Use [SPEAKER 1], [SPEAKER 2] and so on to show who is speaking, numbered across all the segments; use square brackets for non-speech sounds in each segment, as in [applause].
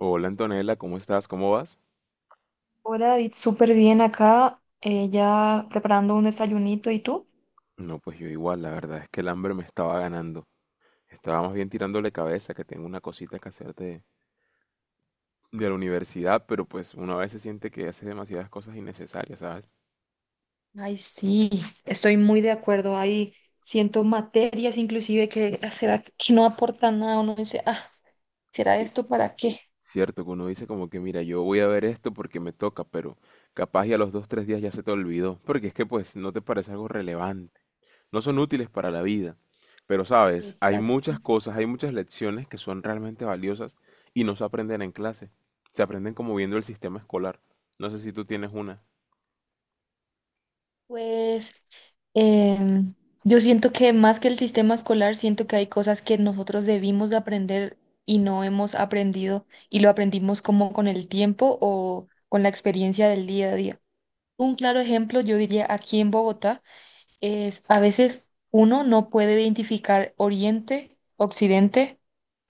[SPEAKER 1] Hola Antonella, ¿cómo estás? ¿Cómo vas?
[SPEAKER 2] Hola David, súper bien acá, ya preparando un desayunito. ¿Y tú?
[SPEAKER 1] No, pues yo igual, la verdad es que el hambre me estaba ganando. Estaba más bien tirándole cabeza, que tengo una cosita que hacer de la universidad, pero pues uno a veces siente que hace demasiadas cosas innecesarias, ¿sabes?
[SPEAKER 2] Ay, sí, estoy muy de acuerdo. Ahí siento materias inclusive que será que no aportan nada. Uno dice, ah, ¿será
[SPEAKER 1] Que-
[SPEAKER 2] esto para qué?
[SPEAKER 1] Cierto, que uno dice como que, mira, yo voy a ver esto porque me toca, pero capaz y a los 2, 3 días ya se te olvidó, porque es que pues no te parece algo relevante. No son útiles para la vida. Pero sabes, hay
[SPEAKER 2] Exacto.
[SPEAKER 1] muchas cosas, hay muchas lecciones que son realmente valiosas y no se aprenden en clase. Se aprenden como viendo el sistema escolar. No sé si tú tienes una.
[SPEAKER 2] Pues em, yo siento que más que el sistema escolar, siento que hay cosas que nosotros debimos de aprender y no hemos aprendido y lo aprendimos como con el tiempo o con la experiencia del día a día. Un claro ejemplo, yo diría aquí en Bogotá. Es a veces uno no puede identificar Oriente, Occidente,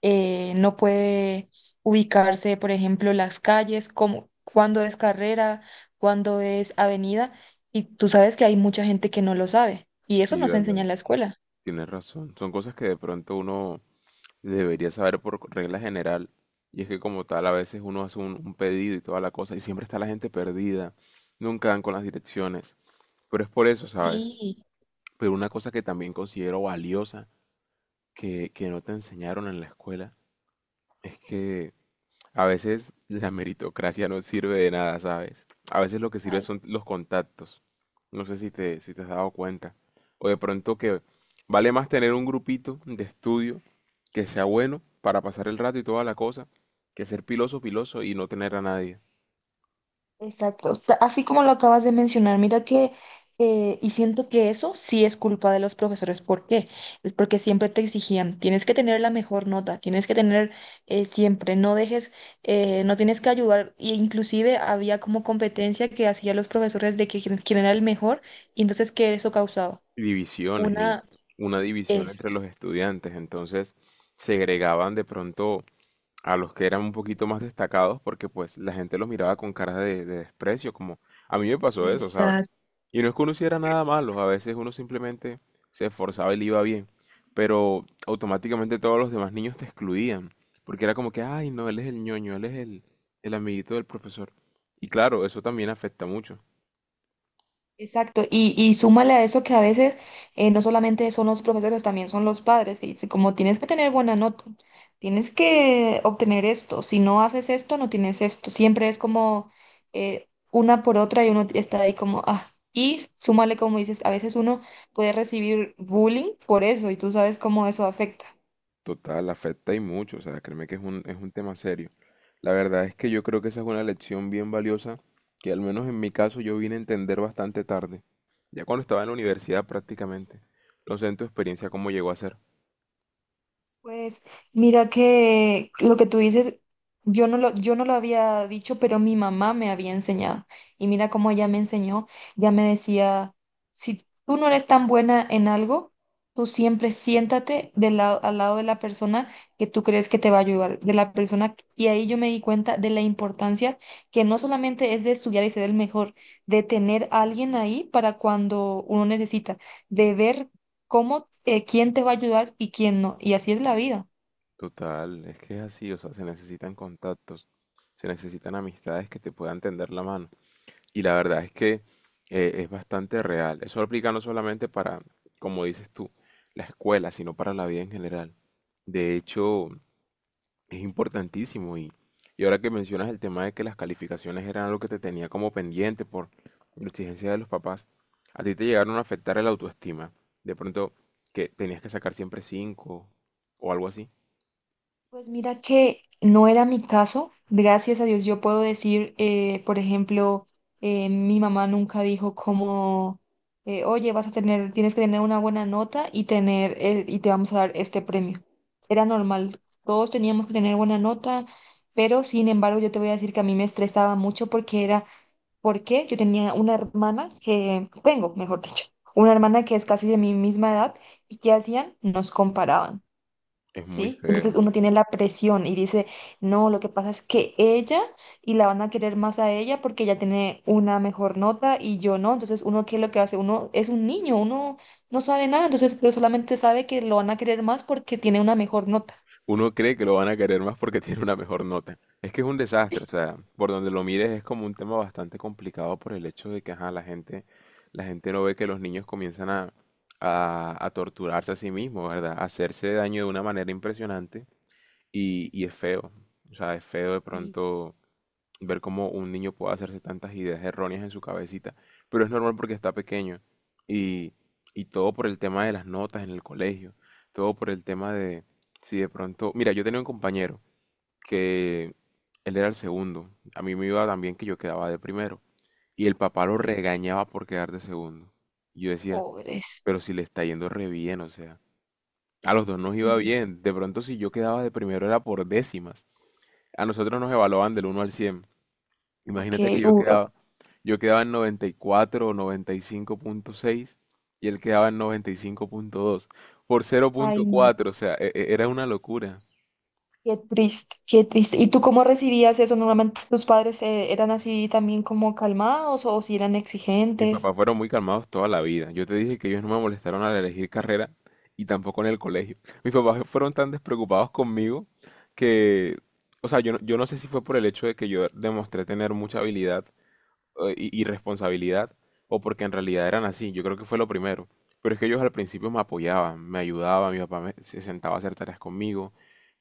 [SPEAKER 2] no puede ubicarse, por ejemplo, las calles, como, cuándo es carrera, cuándo es avenida, y tú sabes que hay mucha gente que no lo sabe, y eso
[SPEAKER 1] Sí,
[SPEAKER 2] no se
[SPEAKER 1] verdad.
[SPEAKER 2] enseña en la escuela.
[SPEAKER 1] Tienes razón. Son cosas que de pronto uno debería saber por regla general. Y es que como tal a veces uno hace un pedido y toda la cosa y siempre está la gente perdida. Nunca dan con las direcciones. Pero es por eso, ¿sabes?
[SPEAKER 2] Sí,
[SPEAKER 1] Pero una cosa que también considero valiosa, que no te enseñaron en la escuela, es que a veces la meritocracia no sirve de nada, ¿sabes? A veces lo que sirve
[SPEAKER 2] ay.
[SPEAKER 1] son los contactos. No sé si te has dado cuenta. O de pronto que vale más tener un grupito de estudio que sea bueno para pasar el rato y toda la cosa, que ser piloso, piloso y no tener a nadie.
[SPEAKER 2] Exacto, así como lo acabas de mencionar, mira que, y siento que eso sí es culpa de los profesores. ¿Por qué? Es porque siempre te exigían, tienes que tener la mejor nota, tienes que tener, siempre, no dejes, no tienes que ayudar, e inclusive había como competencia que hacían los profesores de que quién era el mejor, y entonces, ¿qué eso causaba?
[SPEAKER 1] Divisiones y
[SPEAKER 2] Una
[SPEAKER 1] una división entre
[SPEAKER 2] es...
[SPEAKER 1] los estudiantes. Entonces segregaban de pronto a los que eran un poquito más destacados porque pues la gente los miraba con caras de desprecio, como a mí me pasó eso, ¿sabes? Y no es que uno hiciera nada malo, a veces uno simplemente se esforzaba y le iba bien, pero automáticamente todos los demás niños te excluían, porque era como que, ay, no, él es el ñoño, él es el amiguito del profesor. Y claro, eso también afecta mucho.
[SPEAKER 2] Exacto, y súmale a eso que a veces, no solamente son los profesores, también son los padres que dicen, como tienes que tener buena nota, tienes que obtener esto, si no haces esto, no tienes esto, siempre es como, una por otra y uno está ahí como, ah, y súmale como dices, a veces uno puede recibir bullying por eso y tú sabes cómo eso afecta.
[SPEAKER 1] Total, afecta y mucho, o sea, créeme que es un tema serio. La verdad es que yo creo que esa es una lección bien valiosa que al menos en mi caso yo vine a entender bastante tarde, ya cuando estaba en la universidad prácticamente. No sé en tu experiencia cómo llegó a ser.
[SPEAKER 2] Pues mira que lo que tú dices, yo no lo había dicho, pero mi mamá me había enseñado. Y mira cómo ella me enseñó, ya me decía, si tú no eres tan buena en algo, tú siempre siéntate del lado, al lado de la persona que tú crees que te va a ayudar, de la persona. Y ahí yo me di cuenta de la importancia que no solamente es de estudiar y ser el mejor, de tener a alguien ahí para cuando uno necesita, de ver cómo, quién te va a ayudar y quién no. Y así es la vida.
[SPEAKER 1] Total, es que es así, o sea, se necesitan contactos, se necesitan amistades que te puedan tender la mano. Y la verdad es que es bastante real. Eso aplica no solamente para, como dices tú, la escuela, sino para la vida en general. De hecho, es importantísimo y ahora que mencionas el tema de que las calificaciones eran algo que te tenía como pendiente por la exigencia de los papás, a ti te llegaron a afectar el autoestima. De pronto que tenías que sacar siempre 5 o algo así.
[SPEAKER 2] Pues mira que no era mi caso. Gracias a Dios yo puedo decir, por ejemplo, mi mamá nunca dijo como, oye, vas a tener, tienes que tener una buena nota y tener, y te vamos a dar este premio. Era normal. Todos teníamos que tener buena nota, pero sin embargo yo te voy a decir que a mí me estresaba mucho porque era porque yo tenía una hermana que, tengo, mejor dicho, una hermana que es casi de mi misma edad. ¿Y qué hacían? Nos comparaban,
[SPEAKER 1] Es muy
[SPEAKER 2] ¿sí? Entonces
[SPEAKER 1] feo.
[SPEAKER 2] uno tiene la presión y dice, no, lo que pasa es que ella y la van a querer más a ella porque ella tiene una mejor nota y yo no. Entonces uno, ¿qué es lo que hace? Uno es un niño, uno no sabe nada, entonces pero solamente sabe que lo van a querer más porque tiene una mejor nota.
[SPEAKER 1] Uno cree que lo van a querer más porque [laughs] tiene una mejor nota. Es que es un desastre, o sea, por donde lo mires es como un tema bastante complicado por el hecho de que ajá, la gente no ve que los niños comienzan a torturarse a sí mismos, ¿verdad? A hacerse daño de una manera impresionante. Y es feo, o sea, es feo de
[SPEAKER 2] Y
[SPEAKER 1] pronto ver cómo un niño puede hacerse tantas ideas erróneas en su cabecita, pero es normal porque está pequeño y, y todo por el tema de las notas en el colegio, todo por el tema de si de pronto, mira, yo tenía un compañero que él era el segundo, a mí me iba también que yo quedaba de primero y el papá lo
[SPEAKER 2] ok.
[SPEAKER 1] regañaba por quedar de segundo. Y yo decía,
[SPEAKER 2] Pobres.
[SPEAKER 1] pero si le está yendo re bien, o sea, a los dos nos iba bien, de pronto si yo quedaba de primero era por décimas. A nosotros nos evaluaban del 1 al 100.
[SPEAKER 2] Ok,
[SPEAKER 1] Imagínate que
[SPEAKER 2] ok.
[SPEAKER 1] yo quedaba en 94 o 95,6 y él quedaba en 95,2 por cero punto
[SPEAKER 2] Ay, no.
[SPEAKER 1] cuatro, o sea, era una locura.
[SPEAKER 2] Qué triste, qué triste. ¿Y tú cómo recibías eso? ¿Normalmente tus padres, eran así también como calmados o si eran
[SPEAKER 1] Mis
[SPEAKER 2] exigentes?
[SPEAKER 1] papás fueron muy calmados toda la vida. Yo te dije que ellos no me molestaron al elegir carrera y tampoco en el colegio. Mis papás fueron tan despreocupados conmigo que, o sea, yo no sé si fue por el hecho de que yo demostré tener mucha habilidad y responsabilidad o porque en realidad eran así. Yo creo que fue lo primero. Pero es que ellos al principio me apoyaban, me ayudaban, se sentaba a hacer tareas conmigo,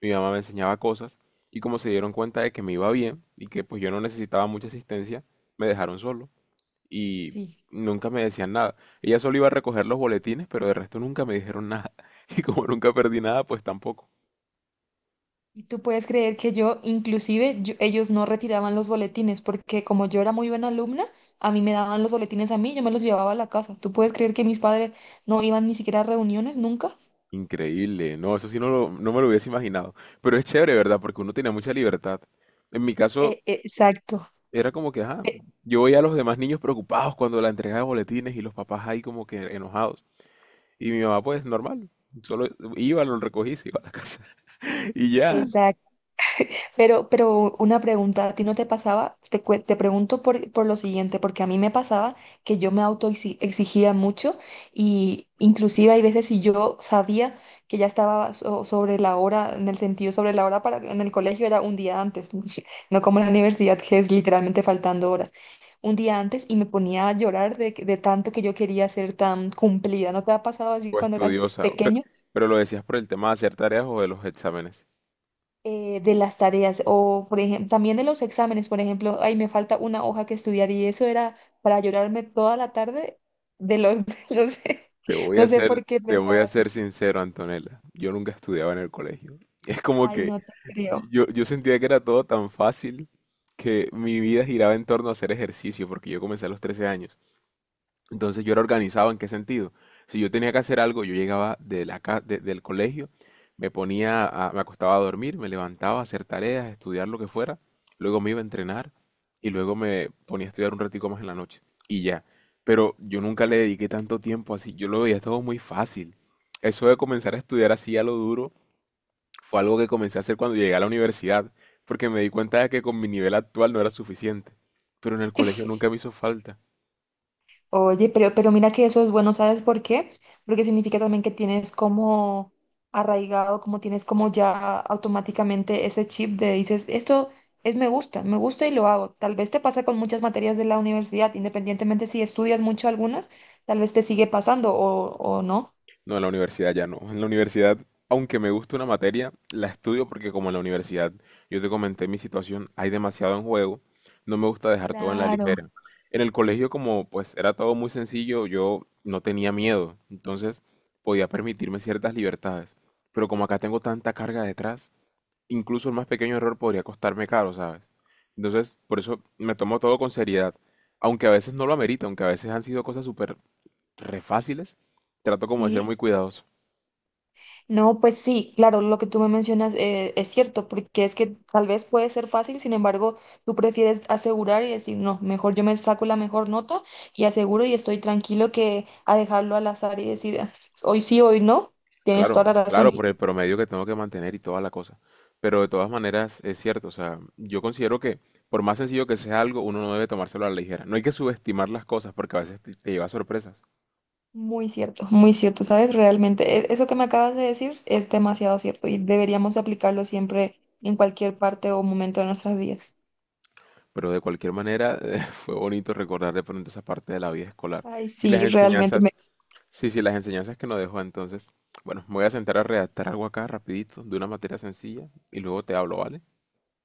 [SPEAKER 1] mi mamá me enseñaba cosas y como se dieron cuenta de que me iba bien y que pues yo no necesitaba mucha asistencia, me dejaron solo y
[SPEAKER 2] Sí.
[SPEAKER 1] nunca me decían nada. Ella solo iba a recoger los boletines, pero de resto nunca me dijeron nada. [laughs] Y como nunca perdí nada, pues tampoco.
[SPEAKER 2] Y tú puedes creer que yo, inclusive, ellos no retiraban los boletines porque como yo era muy buena alumna, a mí me daban los boletines a mí, yo me los llevaba a la casa. ¿Tú puedes creer que mis padres no iban ni siquiera a reuniones nunca?
[SPEAKER 1] Increíble, no, eso sí no, no me lo hubiese imaginado. Pero es chévere, ¿verdad? Porque uno tenía mucha libertad. En mi caso,
[SPEAKER 2] Exacto.
[SPEAKER 1] era como que, ajá,
[SPEAKER 2] e-
[SPEAKER 1] yo veía a los demás niños preocupados cuando la entrega de boletines y los papás ahí como que enojados. Y mi mamá, pues, normal, solo iba, lo recogí, se iba a la casa. [laughs] Y ya,
[SPEAKER 2] Exacto. Pero una pregunta, ¿a ti no te pasaba? Te pregunto por lo siguiente, porque a mí me pasaba que yo me exigía mucho y inclusive hay veces si yo sabía que ya estaba sobre la hora, en el sentido sobre la hora para en el colegio era un día antes, [laughs] no como en la universidad que es literalmente faltando hora un día antes y me ponía a llorar de, de tanto que yo quería ser tan cumplida. ¿No te ha pasado así
[SPEAKER 1] o
[SPEAKER 2] cuando eras
[SPEAKER 1] estudiosa.
[SPEAKER 2] pequeño?
[SPEAKER 1] Pero lo decías por el tema de hacer tareas o de los exámenes.
[SPEAKER 2] De las tareas o, por ejemplo, también de los exámenes. Por ejemplo, ay, me falta una hoja que estudiar y eso era para llorarme toda la tarde de los, [laughs] no sé, no sé por qué
[SPEAKER 1] Te voy
[SPEAKER 2] pensaba
[SPEAKER 1] a
[SPEAKER 2] así.
[SPEAKER 1] ser sincero, Antonella. Yo nunca estudiaba en el colegio. Es como
[SPEAKER 2] Ay,
[SPEAKER 1] que
[SPEAKER 2] no te creo.
[SPEAKER 1] yo sentía que era todo tan fácil que mi vida giraba en torno a hacer ejercicio, porque yo comencé a los 13 años. Entonces yo era organizado en qué sentido. Si yo tenía que hacer algo, yo llegaba de la ca- de- del colegio, me acostaba a dormir, me levantaba a hacer tareas, estudiar lo que fuera, luego me iba a entrenar y luego me ponía a estudiar un ratico más en la noche y ya. Pero yo nunca le dediqué tanto tiempo así, yo lo veía todo muy fácil. Eso de comenzar a estudiar así a lo duro fue algo que comencé a hacer cuando llegué a la universidad, porque me di cuenta de que con mi nivel actual no era suficiente, pero en el colegio nunca me hizo falta.
[SPEAKER 2] Oye, pero mira que eso es bueno, ¿sabes por qué? Porque significa también que tienes como arraigado, como tienes como ya automáticamente ese chip de dices, esto es me gusta y lo hago. Tal vez te pasa con muchas materias de la universidad, independientemente si estudias mucho algunas, tal vez te sigue pasando o no.
[SPEAKER 1] No, en la universidad ya no. En la universidad, aunque me gusta una materia, la estudio porque como en la universidad yo te comenté mi situación, hay demasiado en juego, no me gusta dejar todo en la
[SPEAKER 2] Claro.
[SPEAKER 1] ligera. En el colegio como pues era todo muy sencillo, yo no tenía miedo, entonces podía permitirme ciertas libertades. Pero como acá tengo tanta carga detrás, incluso el más pequeño error podría costarme caro, ¿sabes? Entonces, por eso me tomo todo con seriedad, aunque a veces no lo amerita, aunque a veces han sido cosas súper re fáciles, trato como de ser muy
[SPEAKER 2] Sí.
[SPEAKER 1] cuidadoso.
[SPEAKER 2] No, pues sí, claro, lo que tú me mencionas, es cierto, porque es que tal vez puede ser fácil, sin embargo, tú prefieres asegurar y decir, no, mejor yo me saco la mejor nota y aseguro y estoy tranquilo que a dejarlo al azar y decir, "Ah, hoy sí, hoy no". Tienes
[SPEAKER 1] Claro,
[SPEAKER 2] toda la razón.
[SPEAKER 1] claro, por el promedio que tengo que mantener y toda la cosa. Pero de todas maneras es cierto, o sea, yo considero que por más sencillo que sea algo, uno no debe tomárselo a la ligera. No hay que subestimar las cosas porque a veces te lleva a sorpresas.
[SPEAKER 2] Muy cierto, ¿sabes? Realmente, eso que me acabas de decir es demasiado cierto y deberíamos aplicarlo siempre en cualquier parte o momento de nuestras vidas.
[SPEAKER 1] Pero de cualquier manera [laughs] fue bonito recordar de pronto esa parte de la vida escolar.
[SPEAKER 2] Ay,
[SPEAKER 1] Y las
[SPEAKER 2] sí, realmente
[SPEAKER 1] enseñanzas,
[SPEAKER 2] me...
[SPEAKER 1] sí, sí, las enseñanzas que nos dejó entonces. Bueno, me voy a sentar a redactar algo acá rapidito de una materia sencilla y luego te hablo, ¿vale?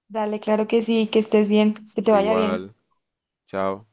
[SPEAKER 2] Dale, claro que sí, que estés bien, que te
[SPEAKER 1] Tú
[SPEAKER 2] vaya bien.
[SPEAKER 1] igual, chao.